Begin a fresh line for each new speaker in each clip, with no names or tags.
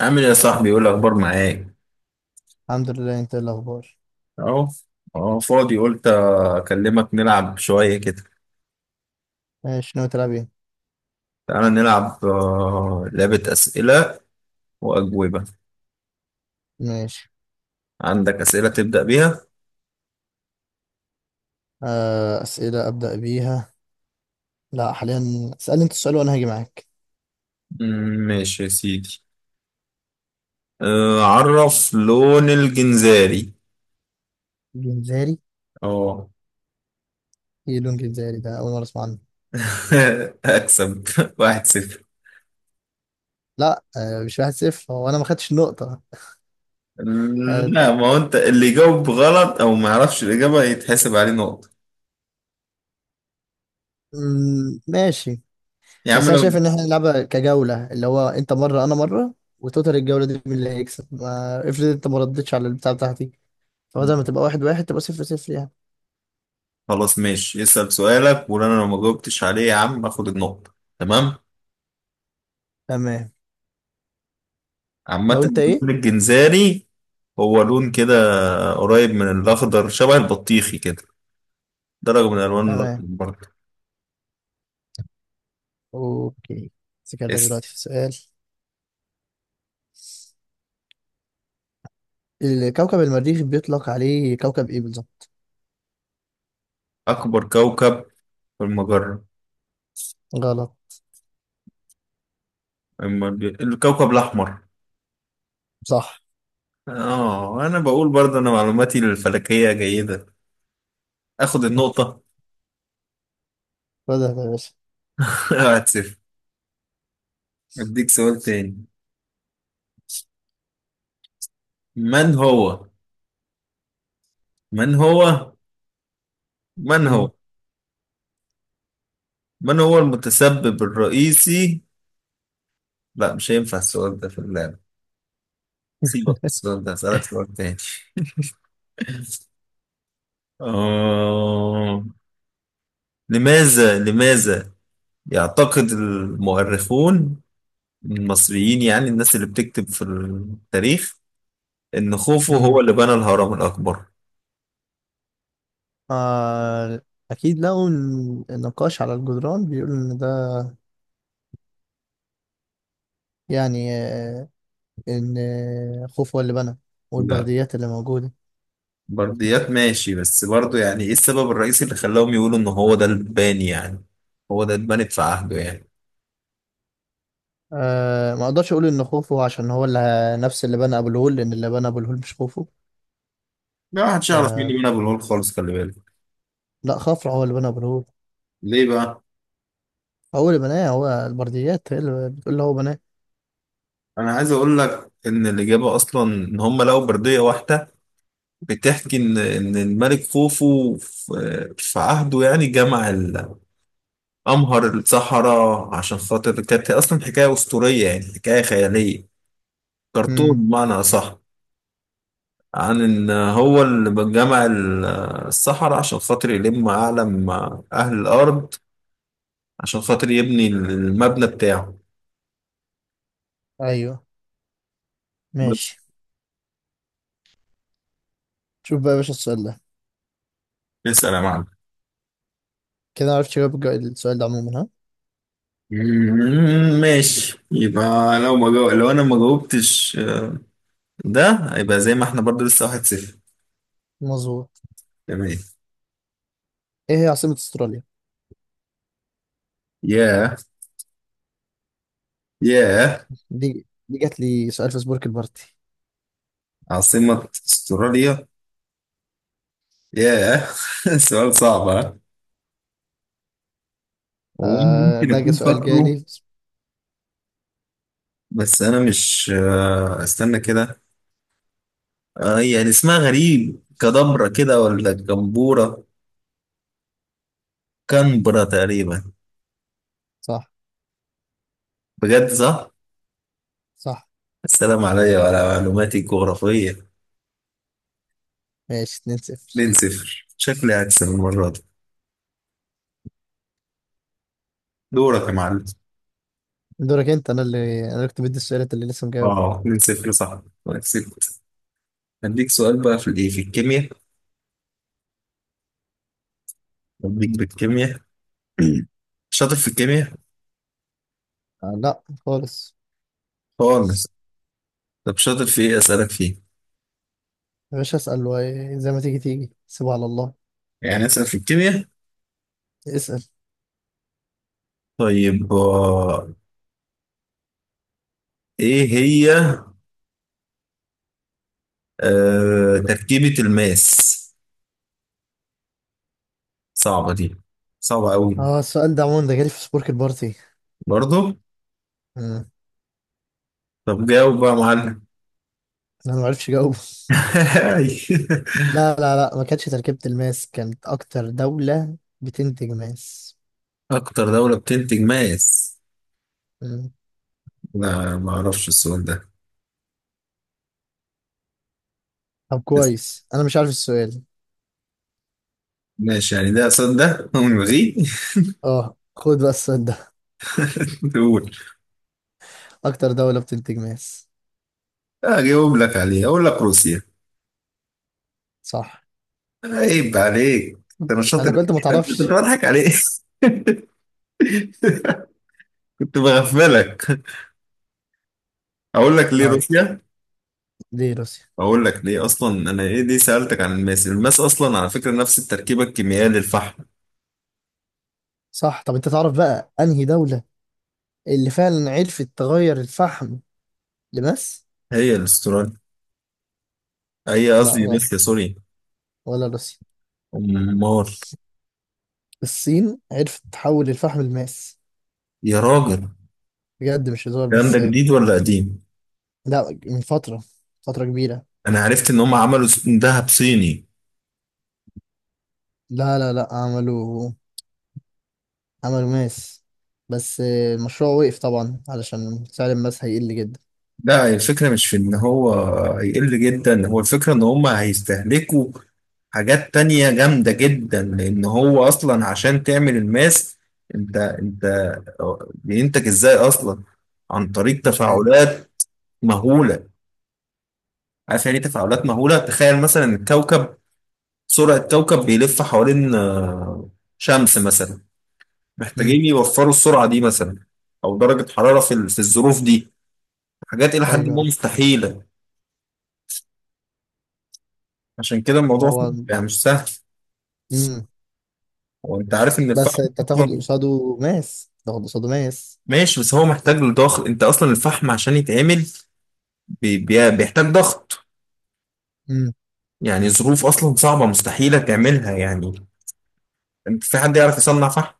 عامل ايه يا صاحبي؟ يقول اخبار معاك.
الحمد لله، انت ايه الاخبار؟
اهو. اهو فاضي، قلت اكلمك نلعب شويه كده.
ماشي، ناوي تلعب ايه؟
تعالى نلعب لعبه اسئله واجوبه.
ماشي.
عندك اسئله تبدا بيها؟
آه، اسئله ابدا بيها. لا حاليا، اسالني انت السؤال وانا هاجي معاك.
مم، ماشي يا سيدي. عرف لون الجنزاري.
جنزاري؟
اه.
ايه لون جنزاري ده؟ اول مره اسمع عنه.
اكسب واحد صفر.
لا، آه مش واحد صفر، هو انا ما خدتش النقطه. آه.
لا، ما هو انت اللي يجاوب غلط او ما يعرفش الاجابه يتحسب عليه نقطه.
ماشي.
يا عم
بس انا شايف
لو...
ان احنا نلعبها كجوله، اللي هو انت مره انا مره، وتوتال الجوله دي مين اللي هيكسب. ما افرض انت ما ردتش على البتاع بتاعتي، فبدل ما تبقى واحد واحد تبقى صفر صفر يعني.
خلاص ماشي، اسال سؤالك وانا لو ما جاوبتش عليه يا عم اخد النقطه، تمام.
تمام.
عامة
لو انت ايه.
اللون الجنزاني هو لون كده قريب من الأخضر، شبه البطيخي كده، درجة من ألوان الأخضر
تمام.
برضه.
اوكي. سكرتك
اس.
دلوقتي في سؤال. الكوكب المريخ بيطلق عليه كوكب ايه بالظبط؟
أكبر كوكب في المجرة.
غلط.
أما الكوكب الأحمر.
صح.
آه، أنا بقول برضه أنا معلوماتي الفلكية جيدة. آخد النقطة.
بدأ يا باشا.
واحد صفر. أديك سؤال تاني. من هو من هو من
مم.
هو من هو المتسبب الرئيسي... لا مش هينفع السؤال ده في اللعبة، سيبك من السؤال ده، هسألك سؤال تاني. آه. لماذا يعتقد المؤرخون المصريين، يعني الناس اللي بتكتب في التاريخ، إن خوفو
مم.
هو اللي بنى الهرم الأكبر؟
آه، اكيد لقوا النقاش على الجدران بيقول ان ده، يعني آه، ان، خوف هو اللي بنى،
لا،
والبرديات اللي موجوده.
برديات ماشي، بس برضه يعني إيه السبب الرئيسي اللي خلاهم يقولوا إن هو ده الباني يعني، هو ده اتبنت في عهده يعني.
آه، ما اقدرش اقول ان خوفو عشان هو اللي نفس اللي بنى ابو الهول، لان اللي بنى ابو الهول مش خوفو.
ما حدش يعرف مين
آه،
اللي بنى أبو الهول خالص، خلي بالك.
لا خفرع هو اللي بنى ابو الهول.
ليه بقى؟
هو اللي بناه، هو البرديات هي اللي بتقول هو بناه.
أنا عايز أقول لك إن الإجابة أصلا إن هم لقوا بردية واحدة بتحكي إن الملك خوفو في عهده يعني جمع الأمهر الصحراء عشان خاطر كانت أصلا حكاية أسطورية، يعني حكاية خيالية، كرتون
مم.
بمعنى أصح، عن إن هو اللي جمع الصحراء عشان خاطر يلم أعلم أهل الأرض، عشان خاطر يبني المبنى بتاعه.
ايوه،
بس.
ماشي. شوف بقى يا باشا السؤال ده،
اسأل يا معلم.
كده عرفت جواب السؤال ده عموما، ها؟
ماشي، يبقى لو ما جو... لو انا ما جاوبتش، ده هيبقى زي ما احنا برضو لسه واحد صفر.
مظبوط.
تمام.
ايه هي عاصمة استراليا؟
ياه. ياه،
دي جات لي سؤال في سبورك البارتي.
عاصمة استراليا. ياه. سؤال صعب ها. هو أنا
آه
ممكن
ده جا
أكون
سؤال
فاكره،
جالي.
بس أنا مش... استنى كده. يعني اسمها غريب، كدبرة كده ولا جمبورة؟ كنبرة تقريبا.
صح.
بجد صح؟
صح.
السلام عليا وعلى معلوماتي الجغرافية.
ماشي، 2-0.
2-0، شكلي هكسب المرة دي. دورك يا معلم.
دورك انت. انا اللي كنت بدي السؤال، انت اللي لسه مجاوب.
اه، 2-0 صح، كسبت. هديك سؤال بقى في الايه، في الكيمياء. هديك بالكيمياء. شاطر في الكيمياء؟
آه لا خالص.
خالص. طب شاطر في ايه اسالك فيه؟
يا باشا اسأل، زي ما تيجي تيجي سيبها على الله.
يعني اسال في الكيمياء.
اسأل.
طيب، ايه هي تركيبة الماس؟ صعبة دي، صعبة قوي.
اه، السؤال ده عموما ده جالي في سبورك البارتي.
برضو.
مم.
طب جاوب بقى يا معلم.
انا ما عرفش اجاوبه. لا لا لا، ما كانتش تركيبة الماس، كانت اكتر دولة بتنتج ماس.
اكتر دولة بتنتج ماس. لا ما اعرفش السؤال ده.
طب
بس
كويس انا مش عارف السؤال.
ماشي، يعني ده سؤال ده ونلغيه.
اه، خد بقى السؤال ده.
تقول.
اكتر دولة بتنتج ماس.
اجاوب لك عليه، اقول لك روسيا.
صح.
عيب عليك انت مش
انا
شاطر.
قلت ما
كنت
تعرفش.
بضحك عليك. كنت بغفلك. اقول لك ليه
طيب.
روسيا،
دي روسيا.
اقول لك ليه. اصلا انا ايه ليه سالتك عن الماس؟ الماس اصلا على فكره نفس التركيبه الكيميائيه للفحم.
صح. طب انت تعرف بقى انهي دولة اللي فعلا عرفت تغير الفحم لماس؟
هي الاستراليا، هي
لا
قصدي
غلط.
روسيا، سوري.
ولا روسيا.
امال.
الصين عرفت تحول الفحم لماس.
يا راجل،
بجد مش هزار.
الكلام ده
بس
جديد ولا قديم؟
لا، من فترة، فترة كبيرة.
انا عرفت ان هم عملوا ذهب صيني.
لا لا لا، عملوا، عملوا ماس. بس المشروع وقف طبعا علشان سعر الماس هيقل جدا.
لا، هي الفكرة مش في إن هو يقل جدا، هو الفكرة إن هما هيستهلكوا حاجات تانية جامدة جدا، لأن هو أصلا عشان تعمل الماس، أنت بينتج إزاي أصلا؟ عن طريق
مش عارف بقى.
تفاعلات مهولة. عارف يعني إيه تفاعلات مهولة؟ تخيل مثلا الكوكب، سرعة كوكب بيلف حوالين شمس مثلا،
مم.
محتاجين يوفروا السرعة دي مثلا. أو درجة حرارة في في الظروف دي، حاجات إلى حد
ايوه،
ما
أيوه.
مستحيلة. عشان كده الموضوع
هو.
يعني مش سهل.
امم.
وانت عارف ان
بس
الفحم
انت تاخد
اصلا،
قصاده ماس، تاخد قصاده ماس.
ماشي بس هو محتاج لضغط، انت اصلا الفحم عشان يتعمل بيحتاج ضغط،
امم.
يعني ظروف اصلا صعبة مستحيلة تعملها يعني. انت في حد يعرف يصنع فحم؟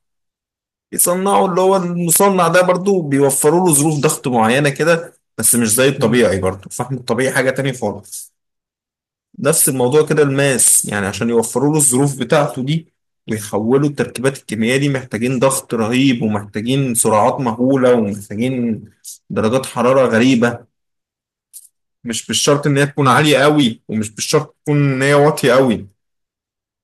يصنعه اللي هو المصنع ده برضو بيوفروا له ظروف ضغط معينة كده، بس مش زي
امم.
الطبيعي، برضو الفحم الطبيعي حاجة تانية خالص. نفس الموضوع كده الماس، يعني عشان يوفروا له الظروف بتاعته دي ويحولوا التركيبات الكيميائية دي، محتاجين ضغط رهيب ومحتاجين سرعات مهولة ومحتاجين درجات حرارة غريبة. مش بالشرط إن هي تكون
أمم.
عالية قوي ومش بالشرط تكون إن هي واطية قوي،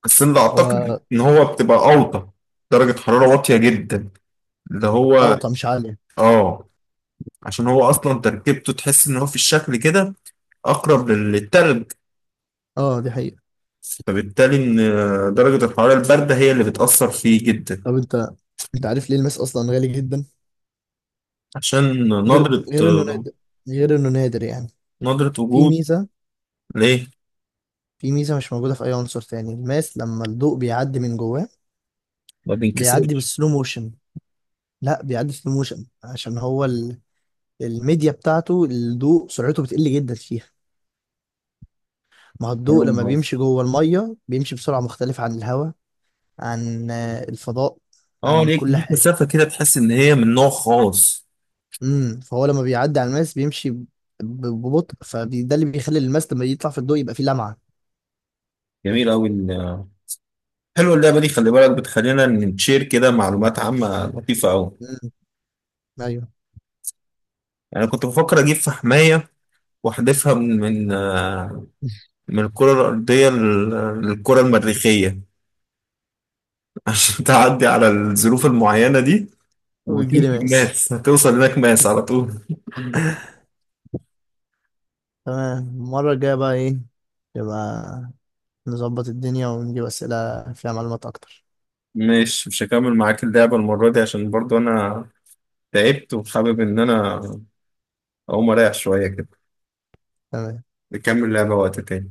بس أنا أعتقد
هو
إن هو بتبقى أوطى. درجة حرارة واطية جدا، اللي هو
اوطى مش عالية.
آه، عشان هو أصلا تركيبته تحس إن هو في الشكل كده أقرب للتلج،
اه دي حقيقة.
فبالتالي إن درجة الحرارة الباردة هي اللي بتأثر فيه جدا.
طب انت عارف ليه الماس اصلا غالي جدا؟
عشان
غير
نضرة.
غير انه نادر، غير انه نادر يعني. في
وجود.
ميزة.
ليه؟
في ميزة مش موجودة في اي عنصر تاني، الماس لما الضوء بيعدي من جواه
ما
بيعدي
بينكسرش.
بالسلو موشن. لا، بيعدي سلو موشن عشان هو ال... الميديا بتاعته الضوء سرعته بتقل جدا فيها. ما هو
حلو
الضوء لما بيمشي
خالص.
جوه المية بيمشي بسرعة مختلفة عن الهواء، عن الفضاء،
اه،
عن
ليك
كل
ليك
حاجة.
مسافة كده تحس إن هي من نوع خاص.
امم. فهو لما بيعدي على الماس بيمشي ببطء، فده اللي بيخلي الماس لما يطلع في الضوء يبقى فيه لمعة.
جميل أوي حلوة اللعبة دي، خلي بالك بتخلينا نشير كده معلومات عامة لطيفة أوي.
امم. ايوه.
يعني كنت بفكر أجيب فحماية وأحدفها من من الكرة الأرضية للكرة المريخية. عشان تعدي على الظروف المعينة دي وتلت
ويجيلي ماس.
ماس هتوصل هناك ماس على طول.
تمام. المرة الجاية بقى ايه، يبقى نظبط الدنيا ونجيب أسئلة فيها معلومات أكتر.
مش هكمل معاك اللعبة المرة دي عشان برضو أنا تعبت وحابب إن أنا أقوم أريح شوية كده.
تمام.
نكمل لعبة وقت تاني.